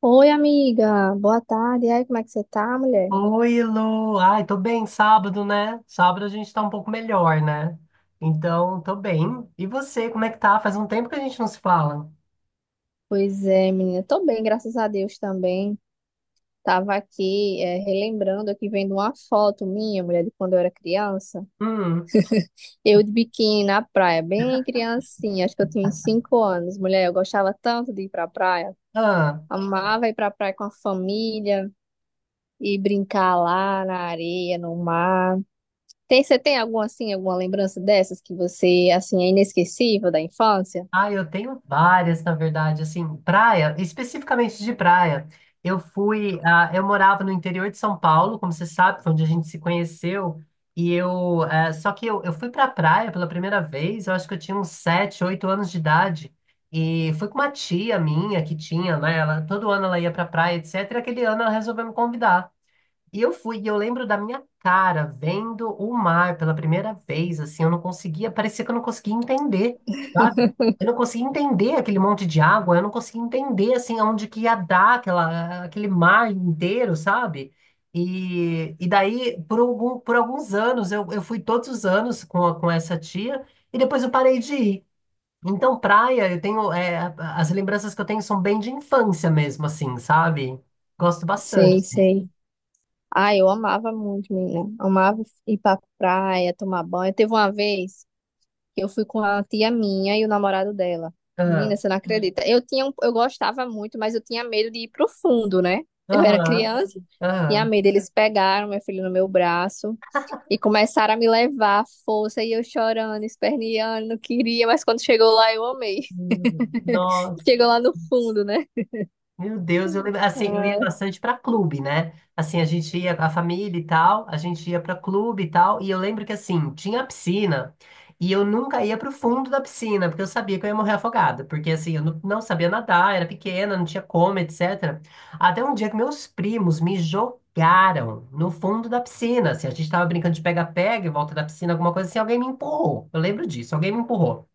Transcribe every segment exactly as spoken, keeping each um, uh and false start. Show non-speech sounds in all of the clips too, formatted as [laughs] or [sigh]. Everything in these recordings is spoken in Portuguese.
Oi, amiga. Boa tarde. E aí, como é que você tá, mulher? Oi, Lu. Ai, tô bem, sábado, né? Sábado a gente tá um pouco melhor, né? Então, tô bem. E você, como é que tá? Faz um tempo que a gente não se fala. Pois é, menina. Tô bem, graças a Deus também. Tava aqui, é, relembrando aqui, vendo uma foto minha, mulher, de quando eu era criança. Hum. Eu de biquíni na praia, bem criancinha. Acho que eu tinha uns cinco anos. Mulher, eu gostava tanto de ir pra praia. Ah. Amava ir pra praia com a família e brincar lá na areia, no mar. Tem, você tem alguma, assim, alguma lembrança dessas que você, assim, é inesquecível da infância? Ah, eu tenho várias, na verdade, assim, praia, especificamente de praia. Eu fui, ah, eu morava no interior de São Paulo, como você sabe, foi onde a gente se conheceu, e eu, eh, só que eu, eu fui pra praia pela primeira vez, eu acho que eu tinha uns sete, oito anos de idade, e fui com uma tia minha que tinha, né, ela, todo ano ela ia pra praia, etcétera, e aquele ano ela resolveu me convidar. E eu fui, e eu lembro da minha cara vendo o mar pela primeira vez, assim, eu não conseguia, parecia que eu não conseguia entender, sabe? Eu não conseguia entender aquele monte de água, eu não conseguia entender, assim, aonde que ia dar aquela, aquele mar inteiro, sabe? E, e daí, por algum, por alguns anos, eu, eu fui todos os anos com, a- com essa tia, e depois eu parei de ir. Então, praia, eu tenho, é, a- as lembranças que eu tenho são bem de infância mesmo, assim, sabe? Gosto Sei, bastante. sei. Ah, eu amava muito, menina. Amava ir pra praia, tomar banho. Teve uma vez que eu fui com a tia minha e o namorado dela. Menina, Ah. você não Hum. acredita. Eu tinha, um- eu gostava muito, mas eu tinha medo de ir pro fundo, né? Eu era Aham. criança, tinha Aham. medo. Eles pegaram meu filho no meu braço e começaram a me levar à força e eu chorando, esperneando, não queria, mas quando chegou lá eu amei. Hum, [laughs] Nossa, Chegou lá no fundo, né? meu Deus, eu lembro, assim, eu ia Ah, bastante pra clube, né? Assim, a gente ia com a família e tal, a gente ia pra clube e tal, e eu lembro que assim, tinha a piscina, e eu nunca ia pro fundo da piscina, porque eu sabia que eu ia morrer afogada, porque assim, eu não, não sabia nadar, era pequena, não tinha como, etcétera. Até um dia que meus primos me jogaram no fundo da piscina, assim, a gente tava brincando de pega-pega em volta da piscina, alguma coisa assim, alguém me empurrou. Eu lembro disso, alguém me empurrou.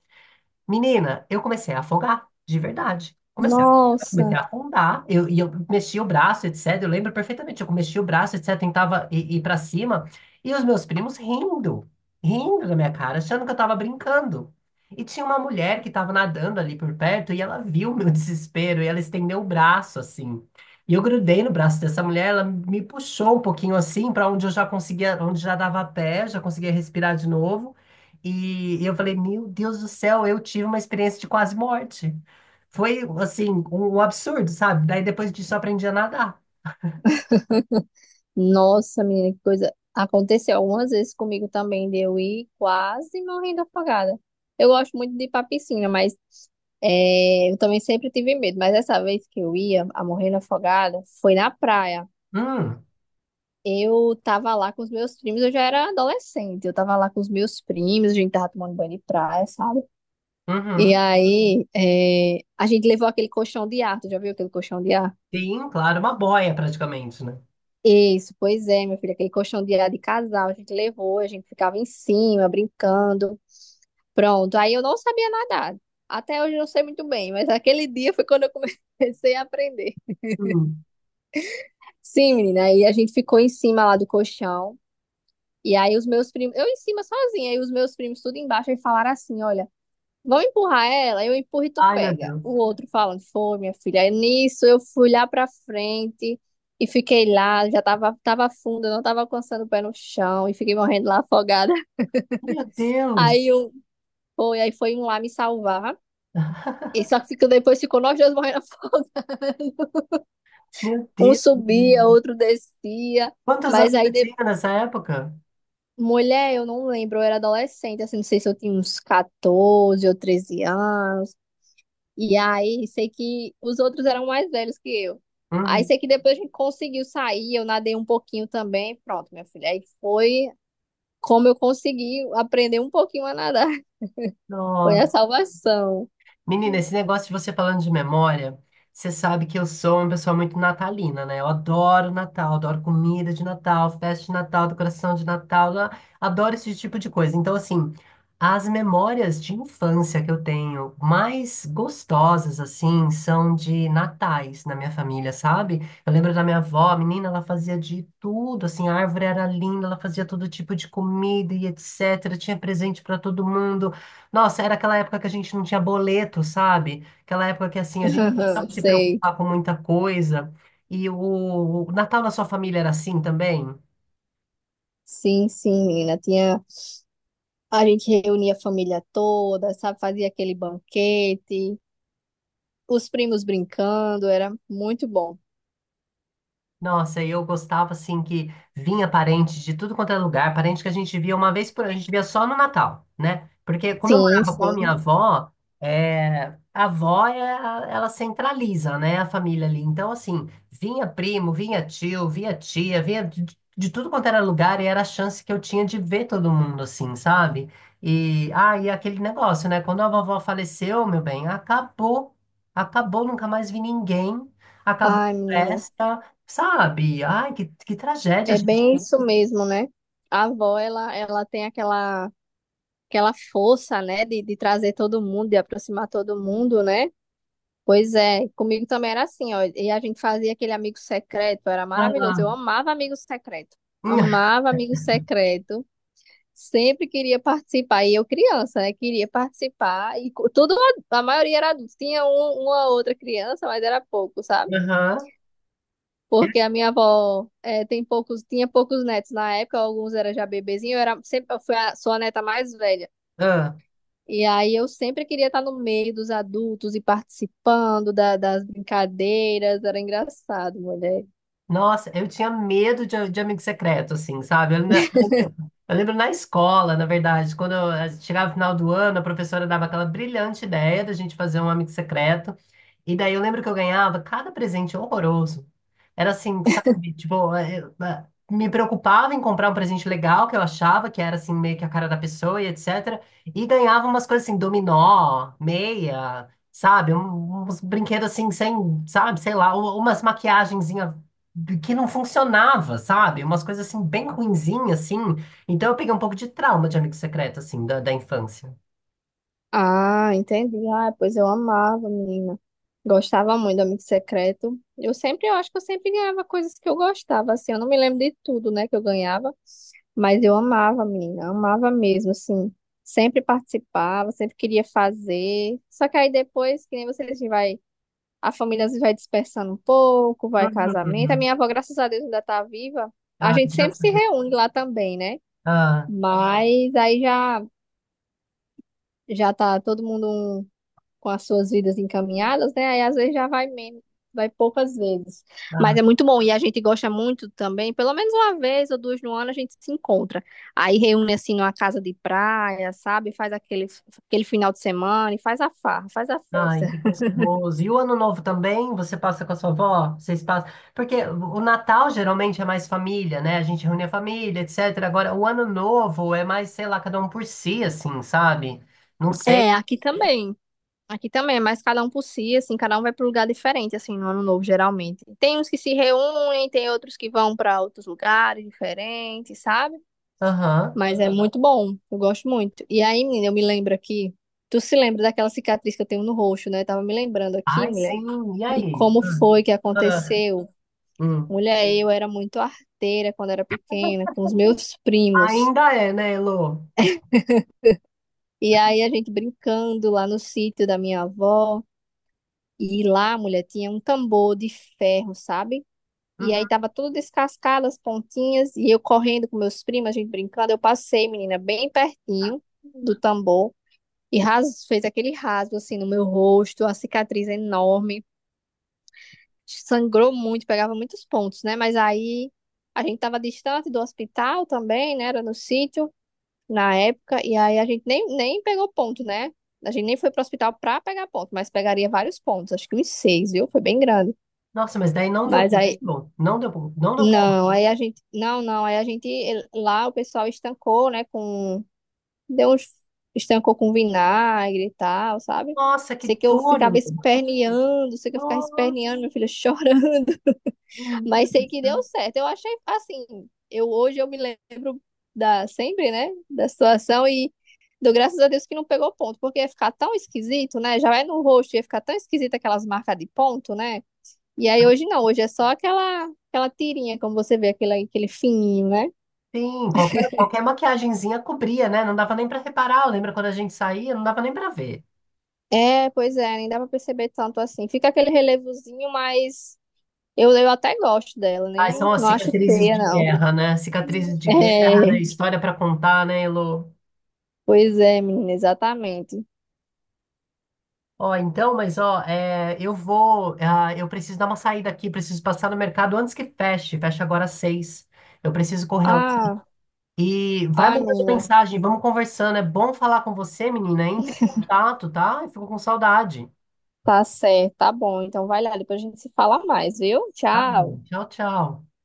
Menina, eu comecei a afogar, de verdade. Comecei a, comecei nossa. a afundar, eu, e eu mexi o braço, etcétera. Eu lembro perfeitamente, eu mexi o braço, etcétera. Tentava ir, ir para cima, e os meus primos rindo, rindo da minha cara, achando que eu tava brincando. E tinha uma mulher que estava nadando ali por perto, e ela viu o meu [laughs] desespero, e ela estendeu o braço assim. E eu grudei no braço dessa mulher, ela me puxou um pouquinho assim, para onde eu já conseguia, onde já dava pé, já conseguia respirar de novo. E eu falei, meu Deus do céu, eu tive uma experiência de quase morte. Foi, assim, um, um absurdo, sabe? Daí depois disso eu aprendi a nadar. Nossa, menina, que coisa. Aconteceu algumas vezes comigo também, de eu ir quase morrendo afogada. Eu gosto muito de ir pra piscina, mas é, eu também sempre tive medo. Mas essa vez que eu ia a morrendo afogada, foi na praia. Hum. Eu tava lá com os meus primos, eu já era adolescente. Eu tava lá com os meus primos, a gente tava tomando banho de praia, sabe? E Uhum. aí, é, a gente levou aquele colchão de ar. Tu já viu aquele colchão de ar? Sim, claro, uma boia praticamente, né? Isso, pois é, minha filha, aquele colchão de, de casal, a gente levou, a gente ficava em cima, brincando. Pronto, aí eu não sabia nadar. Até hoje eu não sei muito bem, mas aquele dia foi quando eu [laughs] comecei a aprender. Hum. Sim, menina, aí a gente ficou em cima lá do colchão. E aí os meus primos, eu em cima sozinha, e os meus primos tudo embaixo, e falaram assim: olha. Vão empurrar ela, eu empurro e tu Ai, meu pega. Deus. O outro falando, foi, minha filha. Aí nisso eu fui lá pra frente e fiquei lá, já tava, tava fundo, eu não tava alcançando o pé no chão e fiquei morrendo lá afogada. [laughs] Meu Deus, Aí um foi, aí foi um lá me salvar. E só que ficou- depois ficou nós dois morrendo [laughs] afogados. meu Um Deus. subia, outro descia. Quantos Mas anos aí, você de... tinha nessa época? mulher, eu não lembro, eu era adolescente, assim, não sei se eu tinha uns catorze ou treze anos. E aí, sei que os outros eram mais velhos que eu. Aí, Uhum. sei que depois a gente conseguiu sair, eu nadei um pouquinho também. Pronto, minha filha. Aí foi como eu consegui aprender um pouquinho a nadar. [laughs] Foi a salvação. Menina, esse negócio de você falando de memória, você sabe que eu sou uma pessoa muito natalina, né? Eu adoro Natal, adoro comida de Natal, festa de Natal, decoração de Natal, lá- adoro esse tipo de coisa. Então, assim, as memórias de infância que eu tenho mais gostosas, assim, são de natais na minha família, sabe? Eu lembro da minha avó, menina, ela fazia de tudo, assim, a árvore era linda, ela fazia todo tipo de comida e etcétera. Tinha presente para todo mundo. Nossa, era aquela época que a gente não tinha boleto, sabe? Aquela época que assim a gente não Aham, precisava se sei. preocupar com muita coisa. E o, o Natal na sua família era assim também? Sim, sim, menina. Tinha... A gente reunia a família toda, sabe? Fazia aquele banquete. Os primos brincando, era muito bom. Nossa, e eu gostava assim que vinha parente de tudo quanto é lugar, parente que a gente via uma vez por ano, a gente via só no Natal, né? Porque como eu Sim, morava com a sim. minha avó, é, a avó é a- ela centraliza, né, a família ali. Então assim, vinha primo, vinha tio, vinha tia, vinha de, de tudo quanto era lugar e era a chance que eu tinha de ver todo mundo assim, sabe? E ah, e aquele negócio, né? Quando a vovó faleceu, meu bem, acabou, acabou, nunca mais vi ninguém, acabou Ai, a menina, festa. Sabe? Ai, que, que tragédia, é gente. bem isso mesmo, né? A avó, ela, ela tem aquela, aquela força, né, de, de trazer todo mundo, de aproximar todo mundo, né? Pois é, comigo também era assim, ó. E a gente fazia aquele amigo secreto, era maravilhoso. Ah. Eu amava amigo secreto. Hum. Amava amigo secreto. Sempre queria participar. E eu criança, né? Queria participar. E co- tudo, a maioria era adulto. Tinha um, uma outra criança, mas era pouco, sabe? Aham. Eu- Porque a minha avó eh, tem poucos, tinha poucos netos na época, alguns eram já bebezinhos eu era sempre, eu fui a, sou a neta mais velha. ah, E aí eu sempre queria estar no meio dos adultos e participando da- das brincadeiras, era engraçado, mulher. nossa, eu tinha medo de, de amigo secreto, assim, sabe? Eu, na- eu lembro na escola, na verdade, quando eu, eh, chegava o final do ano, a professora dava aquela brilhante ideia da gente fazer um amigo secreto. E daí eu lembro que eu ganhava cada presente horroroso. Era assim, sabe? Tipo, eh, eu, eh, me preocupava em comprar um presente legal que eu achava que era assim meio que a cara da pessoa e etcétera. E ganhava umas coisas assim, dominó, meia, sabe? Um- Uns brinquedos assim sem, sabe, sei lá, u- umas maquiagenzinha que não funcionava, sabe? Umas coisas assim bem ruinzinha assim. Então eu peguei um pouco de trauma de amigo secreto assim da, da infância. Ah, entendi. Ah, pois eu amava, menina. Gostava muito do Amigo Secreto. Eu sempre, eu acho que eu sempre ganhava coisas que eu gostava, assim, eu não me lembro de tudo, né, que eu ganhava. Mas eu amava, menina, amava mesmo, assim. Sempre participava, sempre queria fazer. Só que aí depois, que nem vocês vai, a família às vezes vai dispersando um pouco, vai casamento. A Uhum. minha avó, graças a Deus, ainda está viva. A Ah, gente sempre graças a se Deus. reúne lá também, né? Ah, Mas aí já já tá todo mundo um com as suas vidas encaminhadas, né? Aí às vezes já vai menos, vai poucas vezes. Mas é ah. muito bom e a gente gosta muito também, pelo menos uma vez ou duas no ano a gente se encontra. Aí reúne assim numa casa de praia, sabe? Faz aquele, aquele final de semana e faz a farra, faz a Ai, festa. que gostoso. E o Ano Novo também? Você passa com a sua avó? Vocês passam? Porque o Natal geralmente é mais família, né? A gente reúne a família, etcétera. Agora, o Ano Novo é mais, sei lá, cada um por si, assim, sabe? Não sei. É, aqui também. Aqui também, mas cada um por si, assim, cada um vai para um lugar diferente, assim, no ano novo, geralmente. Tem uns que se reúnem, tem outros que vão para outros lugares diferentes, sabe? Aham. Mas é muito bom, eu gosto muito. E aí, menina, eu me lembro aqui. Tu se lembra daquela cicatriz que eu tenho no rosto, né? Eu tava me lembrando aqui, Ai, mulher, sim. E de aí? como Hum. foi que Ah, aconteceu. hum. Mulher, eu era muito arteira quando era pequena, com os meus primos. Ainda é, né, Elô? E aí a gente brincando lá no sítio da minha avó. E lá, mulher, tinha um tambor de ferro, sabe? E aí Uhum. tava tudo descascado, as pontinhas. E eu correndo com meus primos, a gente brincando. Eu passei, menina, bem pertinho do tambor. E ras fez aquele rasgo assim no meu rosto, a cicatriz enorme, sangrou muito, pegava muitos pontos, né? Mas aí a gente tava distante do hospital também, né? Era no sítio na época, e aí a gente nem, nem pegou ponto, né? A gente nem foi pro hospital pra pegar ponto, mas pegaria vários pontos, acho que uns seis, viu? Foi bem grande. Nossa, mas daí não deu Mas aí, pulo. Não deu pulo. Não deu pulo. não, aí a gente, não, não, aí a gente, lá o pessoal estancou, né, com Deu uns estancou com vinagre e tal, sabe? Nossa, Sei que que eu dor, ficava Elô. esperneando, sei que eu ficava esperneando, Nossa, minha filha chorando, [laughs] menina. mas Do sei que deu céu. certo. Eu achei assim, eu hoje eu me lembro da sempre, né, da situação e dou graças a Deus que não pegou ponto, porque ia ficar tão esquisito, né? Já é no rosto, ia ficar tão esquisito aquelas marcas de ponto, né? E aí hoje não, hoje é só aquela aquela tirinha, como você vê, aquele aquele fininho, né? Sim, qualquer, qualquer maquiagenzinha cobria, né? Não dava nem pra reparar. Lembra quando a gente saía? Não dava nem pra ver. É, pois é, nem dá pra perceber tanto assim. Fica aquele relevozinho, mas eu, eu até gosto dela, Ai, são nem as não acho cicatrizes feia, de não. [laughs] guerra, né? Cicatrizes de guerra, né? É, História pra contar, né, Elo? pois é, menina, exatamente. Ó, então, mas ó, é, eu vou, ah, eu preciso dar uma saída aqui, preciso passar no mercado antes que feche. Fecha agora às seis. Eu preciso correr lá. Ah, E vai ah, mandando menina, mensagem, vamos conversando. É bom falar com você, menina. Entre em contato, tá? Eu fico com saudade. tá certo, tá bom. Então vai lá, depois a gente se fala mais, viu? Tá Tchau. bom. Tchau, tchau.